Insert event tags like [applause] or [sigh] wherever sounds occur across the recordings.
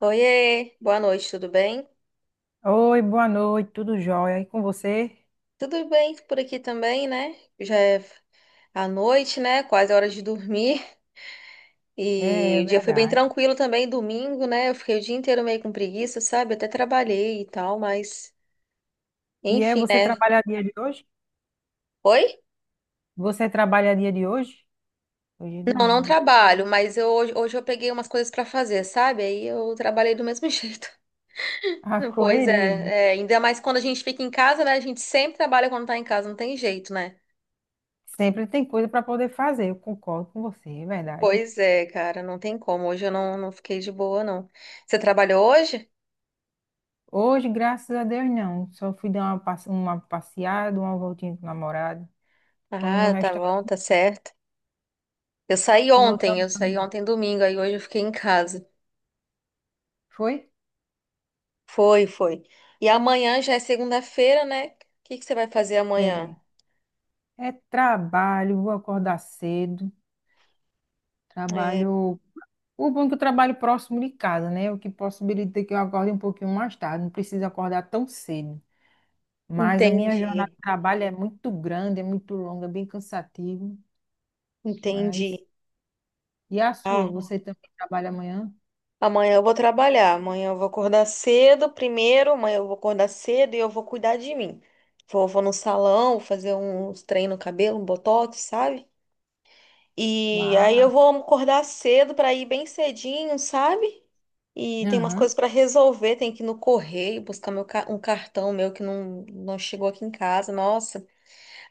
Oiê, boa noite, tudo bem? Oi, boa noite, tudo jóia? E com você? Tudo bem por aqui também, né? Já é a noite, né? Quase a hora de dormir. E É, o dia foi bem verdade. tranquilo também, domingo, né? Eu fiquei o dia inteiro meio com preguiça, sabe? Até trabalhei e tal, mas E enfim, você né? trabalha dia de hoje? Oi? Você trabalha dia de hoje? Hoje é Não, não domingo. trabalho, mas eu, hoje eu peguei umas coisas pra fazer, sabe? Aí eu trabalhei do mesmo [laughs] jeito. [laughs] A Pois correria, né? é, é, ainda mais quando a gente fica em casa, né? A gente sempre trabalha quando tá em casa, não tem jeito, né? Sempre tem coisa para poder fazer, eu concordo com você, é verdade. Pois é, cara, não tem como. Hoje eu não, não fiquei de boa, não. Você trabalhou hoje? Hoje, graças a Deus, não. Só fui dar uma, uma passeada, uma voltinha com o namorado. Fomos no Ah, tá bom, restaurante tá certo. E voltamos. Eu saí ontem domingo, aí hoje eu fiquei em casa. Foi? Foi, foi. E amanhã já é segunda-feira, né? O que que você vai fazer amanhã? É. É trabalho, vou acordar cedo. É, Trabalho O bom é que eu trabalho próximo de casa, né? O que possibilita que eu acorde um pouquinho mais tarde, não preciso acordar tão cedo. Mas a minha jornada entendi, de trabalho é muito grande, é muito longa, é bem cansativo. Mas. entendi. E a sua? Ah, Você também trabalha amanhã? amanhã eu vou trabalhar, amanhã eu vou acordar cedo primeiro, amanhã eu vou acordar cedo e eu vou cuidar de mim. Vou, vou no salão, vou fazer uns treinos no cabelo, um botox, sabe? E aí eu Uau! vou acordar cedo para ir bem cedinho, sabe? E tem umas Aham. coisas para resolver, tem que ir no correio buscar um cartão meu que não, não chegou aqui em casa, nossa.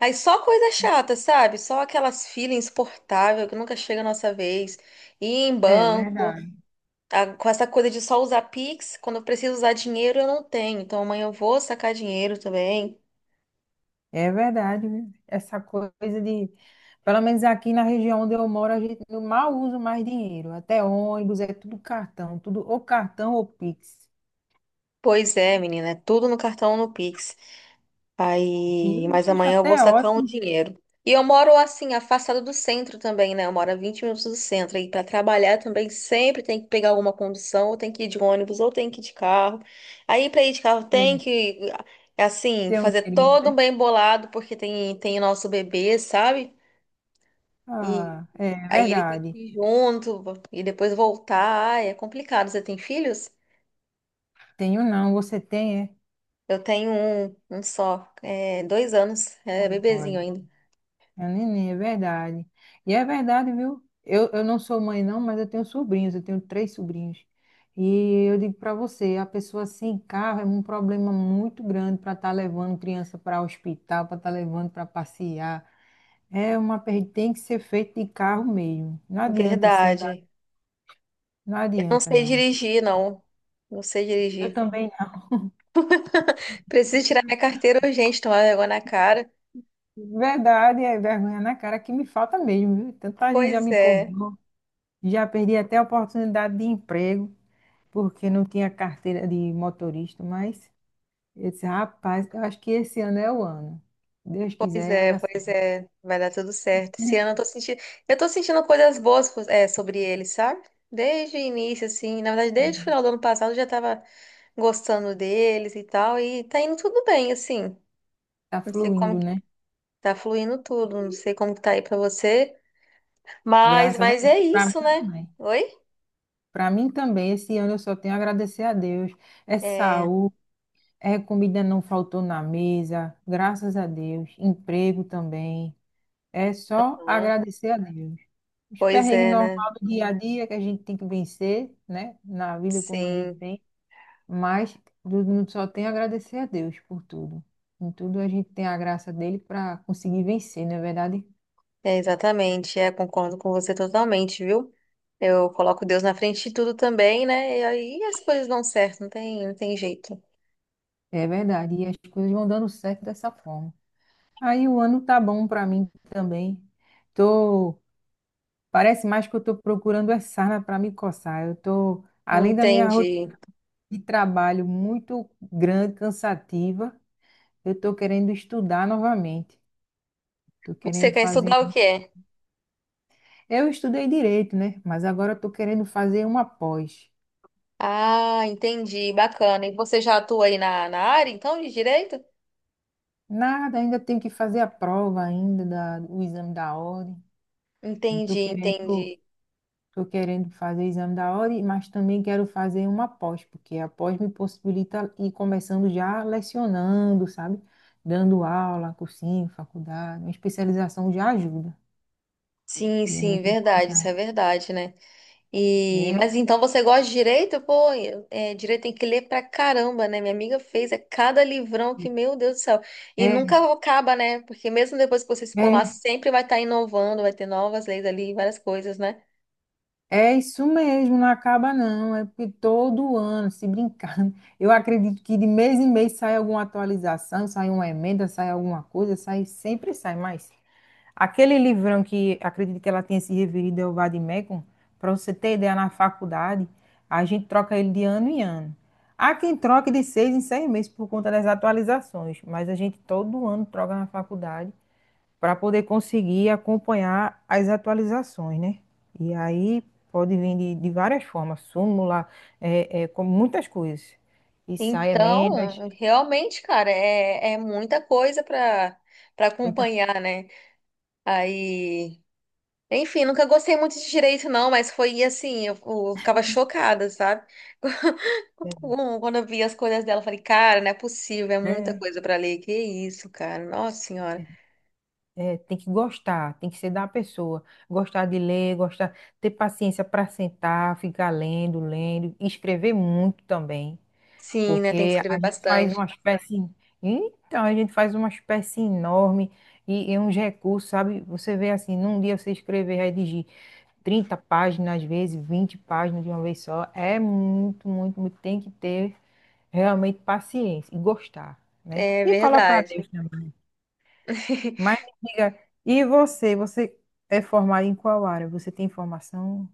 Aí só coisa chata, sabe? Só aquelas filas insuportáveis que nunca chega a nossa vez. Ir em É banco, verdade. tá? Com essa coisa de só usar Pix, quando eu preciso usar dinheiro eu não tenho, então amanhã eu vou sacar dinheiro também. É verdade, viu? Essa coisa de. Pelo menos aqui na região onde eu moro, a gente não mal usa mais dinheiro. Até ônibus, é tudo cartão, tudo ou cartão ou Pix. Pois é, menina, é tudo no cartão ou no Pix. E Aí, eu mas acho amanhã eu vou até sacar um ótimo dinheiro. E eu moro assim, afastado do centro também, né? Eu moro a 20 minutos do centro. E para trabalhar também sempre tem que pegar alguma condução, ou tem que ir de ônibus, ou tem que ir de carro. Aí para ir de carro é, tem que, assim, ter um fazer dinheirinho. todo um Né? bem bolado, porque tem o nosso bebê, sabe? E Ah, é aí ele tem que verdade. ir junto e depois voltar. Ai, é complicado. Você tem filhos? Tenho não, você tem, é? Eu tenho um, um só, é, 2 anos, é bebezinho Olha, ainda. é neném, é verdade. E é verdade, viu? Eu não sou mãe, não, mas eu tenho sobrinhos, eu tenho três sobrinhos. E eu digo para você, a pessoa sem carro é um problema muito grande para estar levando criança para o hospital, para estar levando para passear. É uma perda, tem que ser feito de carro mesmo. Não adianta você andar, Verdade. não Não adianta, sei não. dirigir, não. Não sei Eu dirigir. também não. Preciso tirar minha carteira urgente, tomar vergonha na cara. Verdade, é vergonha na cara que me falta mesmo, viu? Tanta gente já Pois me é, cobrou. Já perdi até a oportunidade de emprego, porque não tinha carteira de motorista, mas eu disse, rapaz, eu acho que esse ano é o ano. Deus quiser, vai dar pois certo. é. Vai dar tudo certo. Esse ano eu tô sentindo coisas boas, é, sobre ele, sabe? Desde o início, assim. Na verdade, desde o [laughs] final do ano passado eu já tava gostando deles e tal. E tá indo tudo bem, assim. Tá Não sei fluindo, como que né? tá fluindo tudo. Não sei como que tá aí pra você. Mas, Graças a mas Deus. é Para mim isso, né? também. Oi? Para mim também, esse ano eu só tenho a agradecer a Deus. É É, saúde, é comida não faltou na mesa, graças a Deus. Emprego também. É só aham. agradecer a Deus. Os Pois perrengues é, né? normal do dia a dia que a gente tem que vencer, né? Na vida como a gente Sim. tem. Mas tudo- não- só tem a agradecer a Deus por tudo. Em tudo a gente tem a graça dele para conseguir vencer, não é verdade? É, exatamente, é, concordo com você totalmente, viu? Eu coloco Deus na frente de tudo também, né? E aí as coisas dão certo, não tem, não tem jeito. É verdade. E as coisas vão dando certo dessa forma. Aí o ano tá bom para mim também. Tô, Parece mais que eu tô procurando é sarna para me coçar. Eu tô, além da minha rotina Entendi. de trabalho muito grande, cansativa, eu tô querendo estudar novamente. Tô Você querendo quer fazer estudar o um... quê? Eu estudei direito, né? Mas agora eu tô querendo fazer uma pós. Ah, entendi, bacana. E você já atua aí na área, então, de direito? Nada, ainda tenho que fazer a prova ainda da, o exame da ordem. E tô Entendi, querendo, entendi. tô querendo fazer o exame da ordem, mas também quero fazer uma pós, porque a pós me possibilita ir começando já lecionando, sabe? Dando aula, cursinho, faculdade, uma especialização já ajuda. Sim, E é sim, muito verdade, isso é importante. verdade, né? E, mas É, então você gosta de direito? Pô, é, direito tem que ler pra caramba, né? Minha amiga fez é cada livrão que, meu Deus do céu. E é, nunca acaba, né? Porque mesmo depois que você se formar, é. sempre vai estar inovando, vai ter novas leis ali, várias coisas, né? É isso mesmo, não acaba não. É porque todo ano, se brincar, [laughs] eu acredito que de mês em mês sai alguma atualização, sai uma emenda, sai alguma coisa, sai, sempre sai. Mas aquele livrão que acredito que ela tenha se referido é o Vademecum, para você ter ideia, na faculdade, a gente troca ele de ano em ano. Há quem troque de seis em seis meses por conta das atualizações, mas a gente todo ano troca na faculdade para poder conseguir acompanhar as atualizações, né? E aí pode vir de várias formas, súmula, é, é, com muitas coisas. E sai emendas, Então, realmente, cara, é, é muita coisa para muita, acompanhar, né? Aí, enfim, nunca gostei muito de direito, não, mas foi assim, eu ficava chocada, sabe? é, [laughs] Quando eu vi as coisas dela, eu falei, cara, não é possível, é muita é, coisa pra ler. Que isso, cara? Nossa senhora. é, tem que gostar, tem que ser da pessoa. Gostar de ler, gostar, ter paciência para sentar, ficar lendo, lendo, escrever muito também. Sim, né? Tem que Porque a escrever gente faz bastante. uma espécie. Então, a gente faz uma espécie enorme e uns recursos, sabe? Você vê assim, num dia você escrever, redigir 30 páginas, às vezes 20 páginas de uma vez só, é muito, muito, muito. Tem que ter realmente paciência e gostar, né? É E colocar verdade. Deus também. Mas [laughs] me diga, e você? Você é formado em qual área? Você tem formação?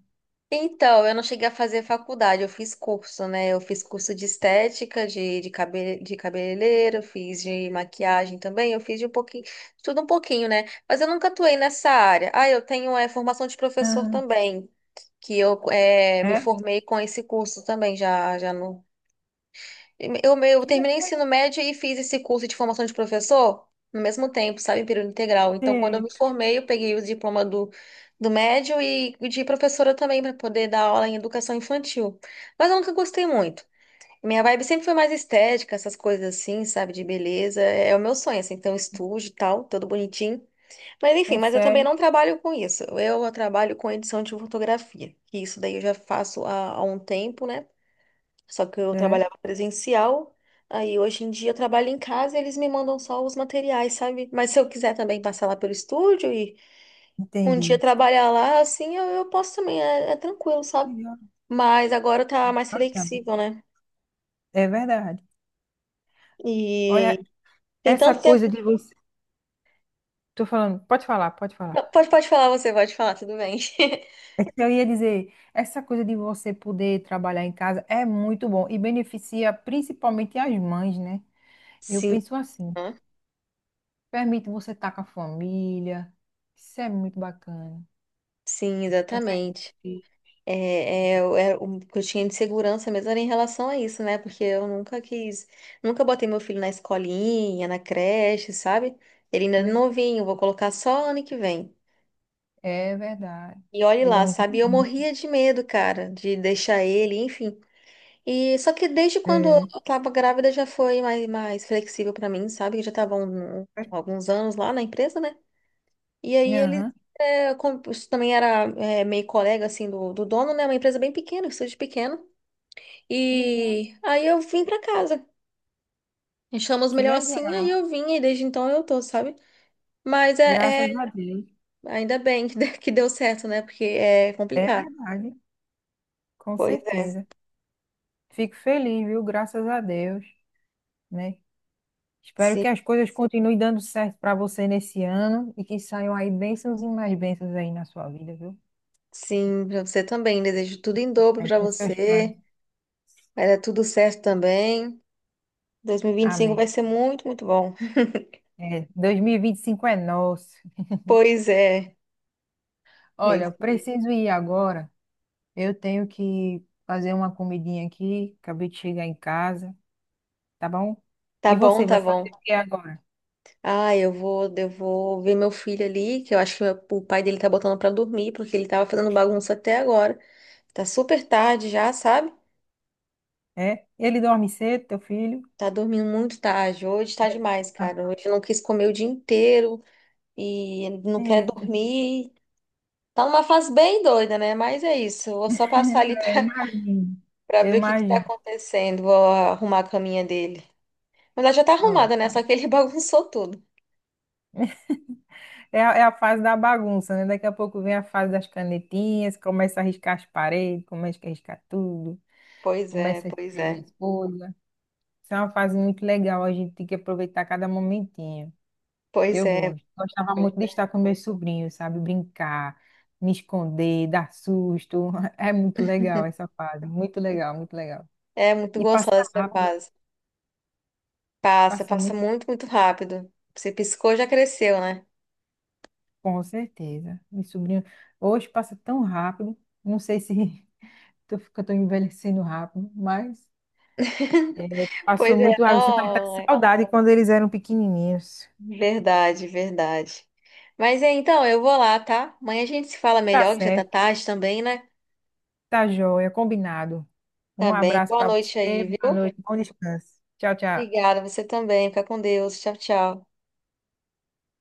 Então, eu não cheguei a fazer faculdade, eu fiz curso, né? Eu fiz curso de estética, de cabeleireiro, eu fiz de maquiagem também, eu fiz de um pouquinho, tudo um pouquinho, né? Mas eu nunca atuei nessa área. Ah, eu tenho é, formação de professor Ah, também, que eu é, me é? formei com esse curso também, já no. Eu Que terminei legal. ensino médio e fiz esse curso de formação de professor no mesmo tempo, sabe, em período integral. Então, quando eu É me formei, eu peguei o diploma do, do médio e de professora também para poder dar aula em educação infantil. Mas eu nunca gostei muito. Minha vibe sempre foi mais estética, essas coisas assim, sabe, de beleza. É é o meu sonho, assim, ter um estúdio e tal, todo bonitinho. Mas enfim, é mas eu também sério? não trabalho com isso. Eu trabalho com edição de fotografia. E isso daí eu já faço há um tempo, né? Só que eu É, trabalhava presencial, aí hoje em dia eu trabalho em casa e eles me mandam só os materiais, sabe? Mas se eu quiser também passar lá pelo estúdio e um dia entendi. trabalhar lá, assim, eu posso também, é, é tranquilo, sabe? Legal, Mas agora tá mais bacana. flexível, né? É verdade. E Olha, tem essa tanto coisa tempo. de você. Tô falando, pode falar, pode falar. Pode, pode falar, você pode falar, tudo bem. [laughs] É que eu ia dizer, essa coisa de você poder trabalhar em casa é muito bom e beneficia principalmente as mães, né? Eu Sim, penso assim, né? permite você estar com a família, isso é muito bacana. Sim, Tá perto dos exatamente. filhos, É, é, é o que eu tinha de segurança mesmo era em relação a isso, né? Porque eu nunca quis, nunca botei meu filho na escolinha, na creche, sabe? Ele ainda é oi? novinho, vou colocar só ano que vem. É verdade. E olhe Ele é lá, muito sabe? Eu bonito. morria de medo, cara, de deixar ele, enfim. E só que desde quando eu tava grávida já foi mais flexível pra mim, sabe? Eu já tava alguns anos lá na empresa, né? E aí ele Aham. é, isso também era é, meio colega assim do dono, né? Uma empresa bem pequena, um estúdio pequeno. Que legal, E aí eu vim pra casa. Achamos que melhor legal. assim, aí eu vim e desde então eu tô, sabe? Mas Graças a Deus. ainda bem que [laughs] que deu certo, né? Porque é É complicado. verdade, com Pois é. certeza. Fico feliz, viu? Graças a Deus, né? Espero Sim, que as coisas continuem dando certo para você nesse ano e que saiam aí bênçãos e mais bênçãos aí na sua vida, viu? sim, pra você também. Desejo tudo em dobro Aí pra nos seus planos. você. Vai dar tudo certo também. 2025 vai Amém. ser muito, muito bom. [laughs] É, 2025 é nosso. Pois é. É Olha, isso. eu preciso ir agora. Eu tenho que fazer uma comidinha aqui. Acabei de chegar em casa, tá bom? Tá E bom, você tá vai fazer bom. o que agora? Ah, eu vou ver meu filho ali, que eu acho que o pai dele tá botando pra dormir, porque ele tava fazendo bagunça até agora. Tá super tarde já, sabe? É? Ele dorme cedo, teu filho? Tá dormindo muito tarde. Hoje tá É. demais, Ah, cara. Hoje eu não quis comer o dia inteiro e não quer é. dormir. Tá numa fase bem doida, né? Mas é isso. Eu vou só passar ali pra, [laughs] Imagino. pra Eu ver o que que tá imagino. acontecendo. Vou arrumar a caminha dele. Mas ela já tá Ó, arrumada, né? Só que ele [laughs] bagunçou tudo. é, a- é a fase da bagunça, né? Daqui a pouco vem a fase das canetinhas, começa a riscar as paredes, começa a riscar tudo, Pois é, começa a pois escrever é. as folhas. Isso é uma fase muito legal, a gente tem que aproveitar cada momentinho. Pois Eu é. gosto. Gostava Pois muito de estar com meus sobrinhos, sabe? Brincar, me esconder, dar susto. [laughs] É muito legal essa fase, muito legal, muito legal. É é muito E passa gostosa essa rápido, fase. Passa, passa passa muito. muito, muito rápido. Você piscou, já cresceu, né? Com certeza. Meu sobrinho hoje passa tão rápido. Não sei se [laughs] que tô envelhecendo rápido, mas é, [laughs] passou Pois é, muito rápido. Você vai estar não. é. saudade quando eles eram pequenininhos. Verdade, verdade. Mas é, então, eu vou lá, tá? Amanhã a gente se fala Tá melhor, que já tá certo, tarde também, né? tá joia, combinado. Tá Um bem. abraço Boa para noite você, aí, boa viu? noite, bom descanso. Tchau, tchau. Obrigada, você também. Fica com Deus. Tchau, tchau.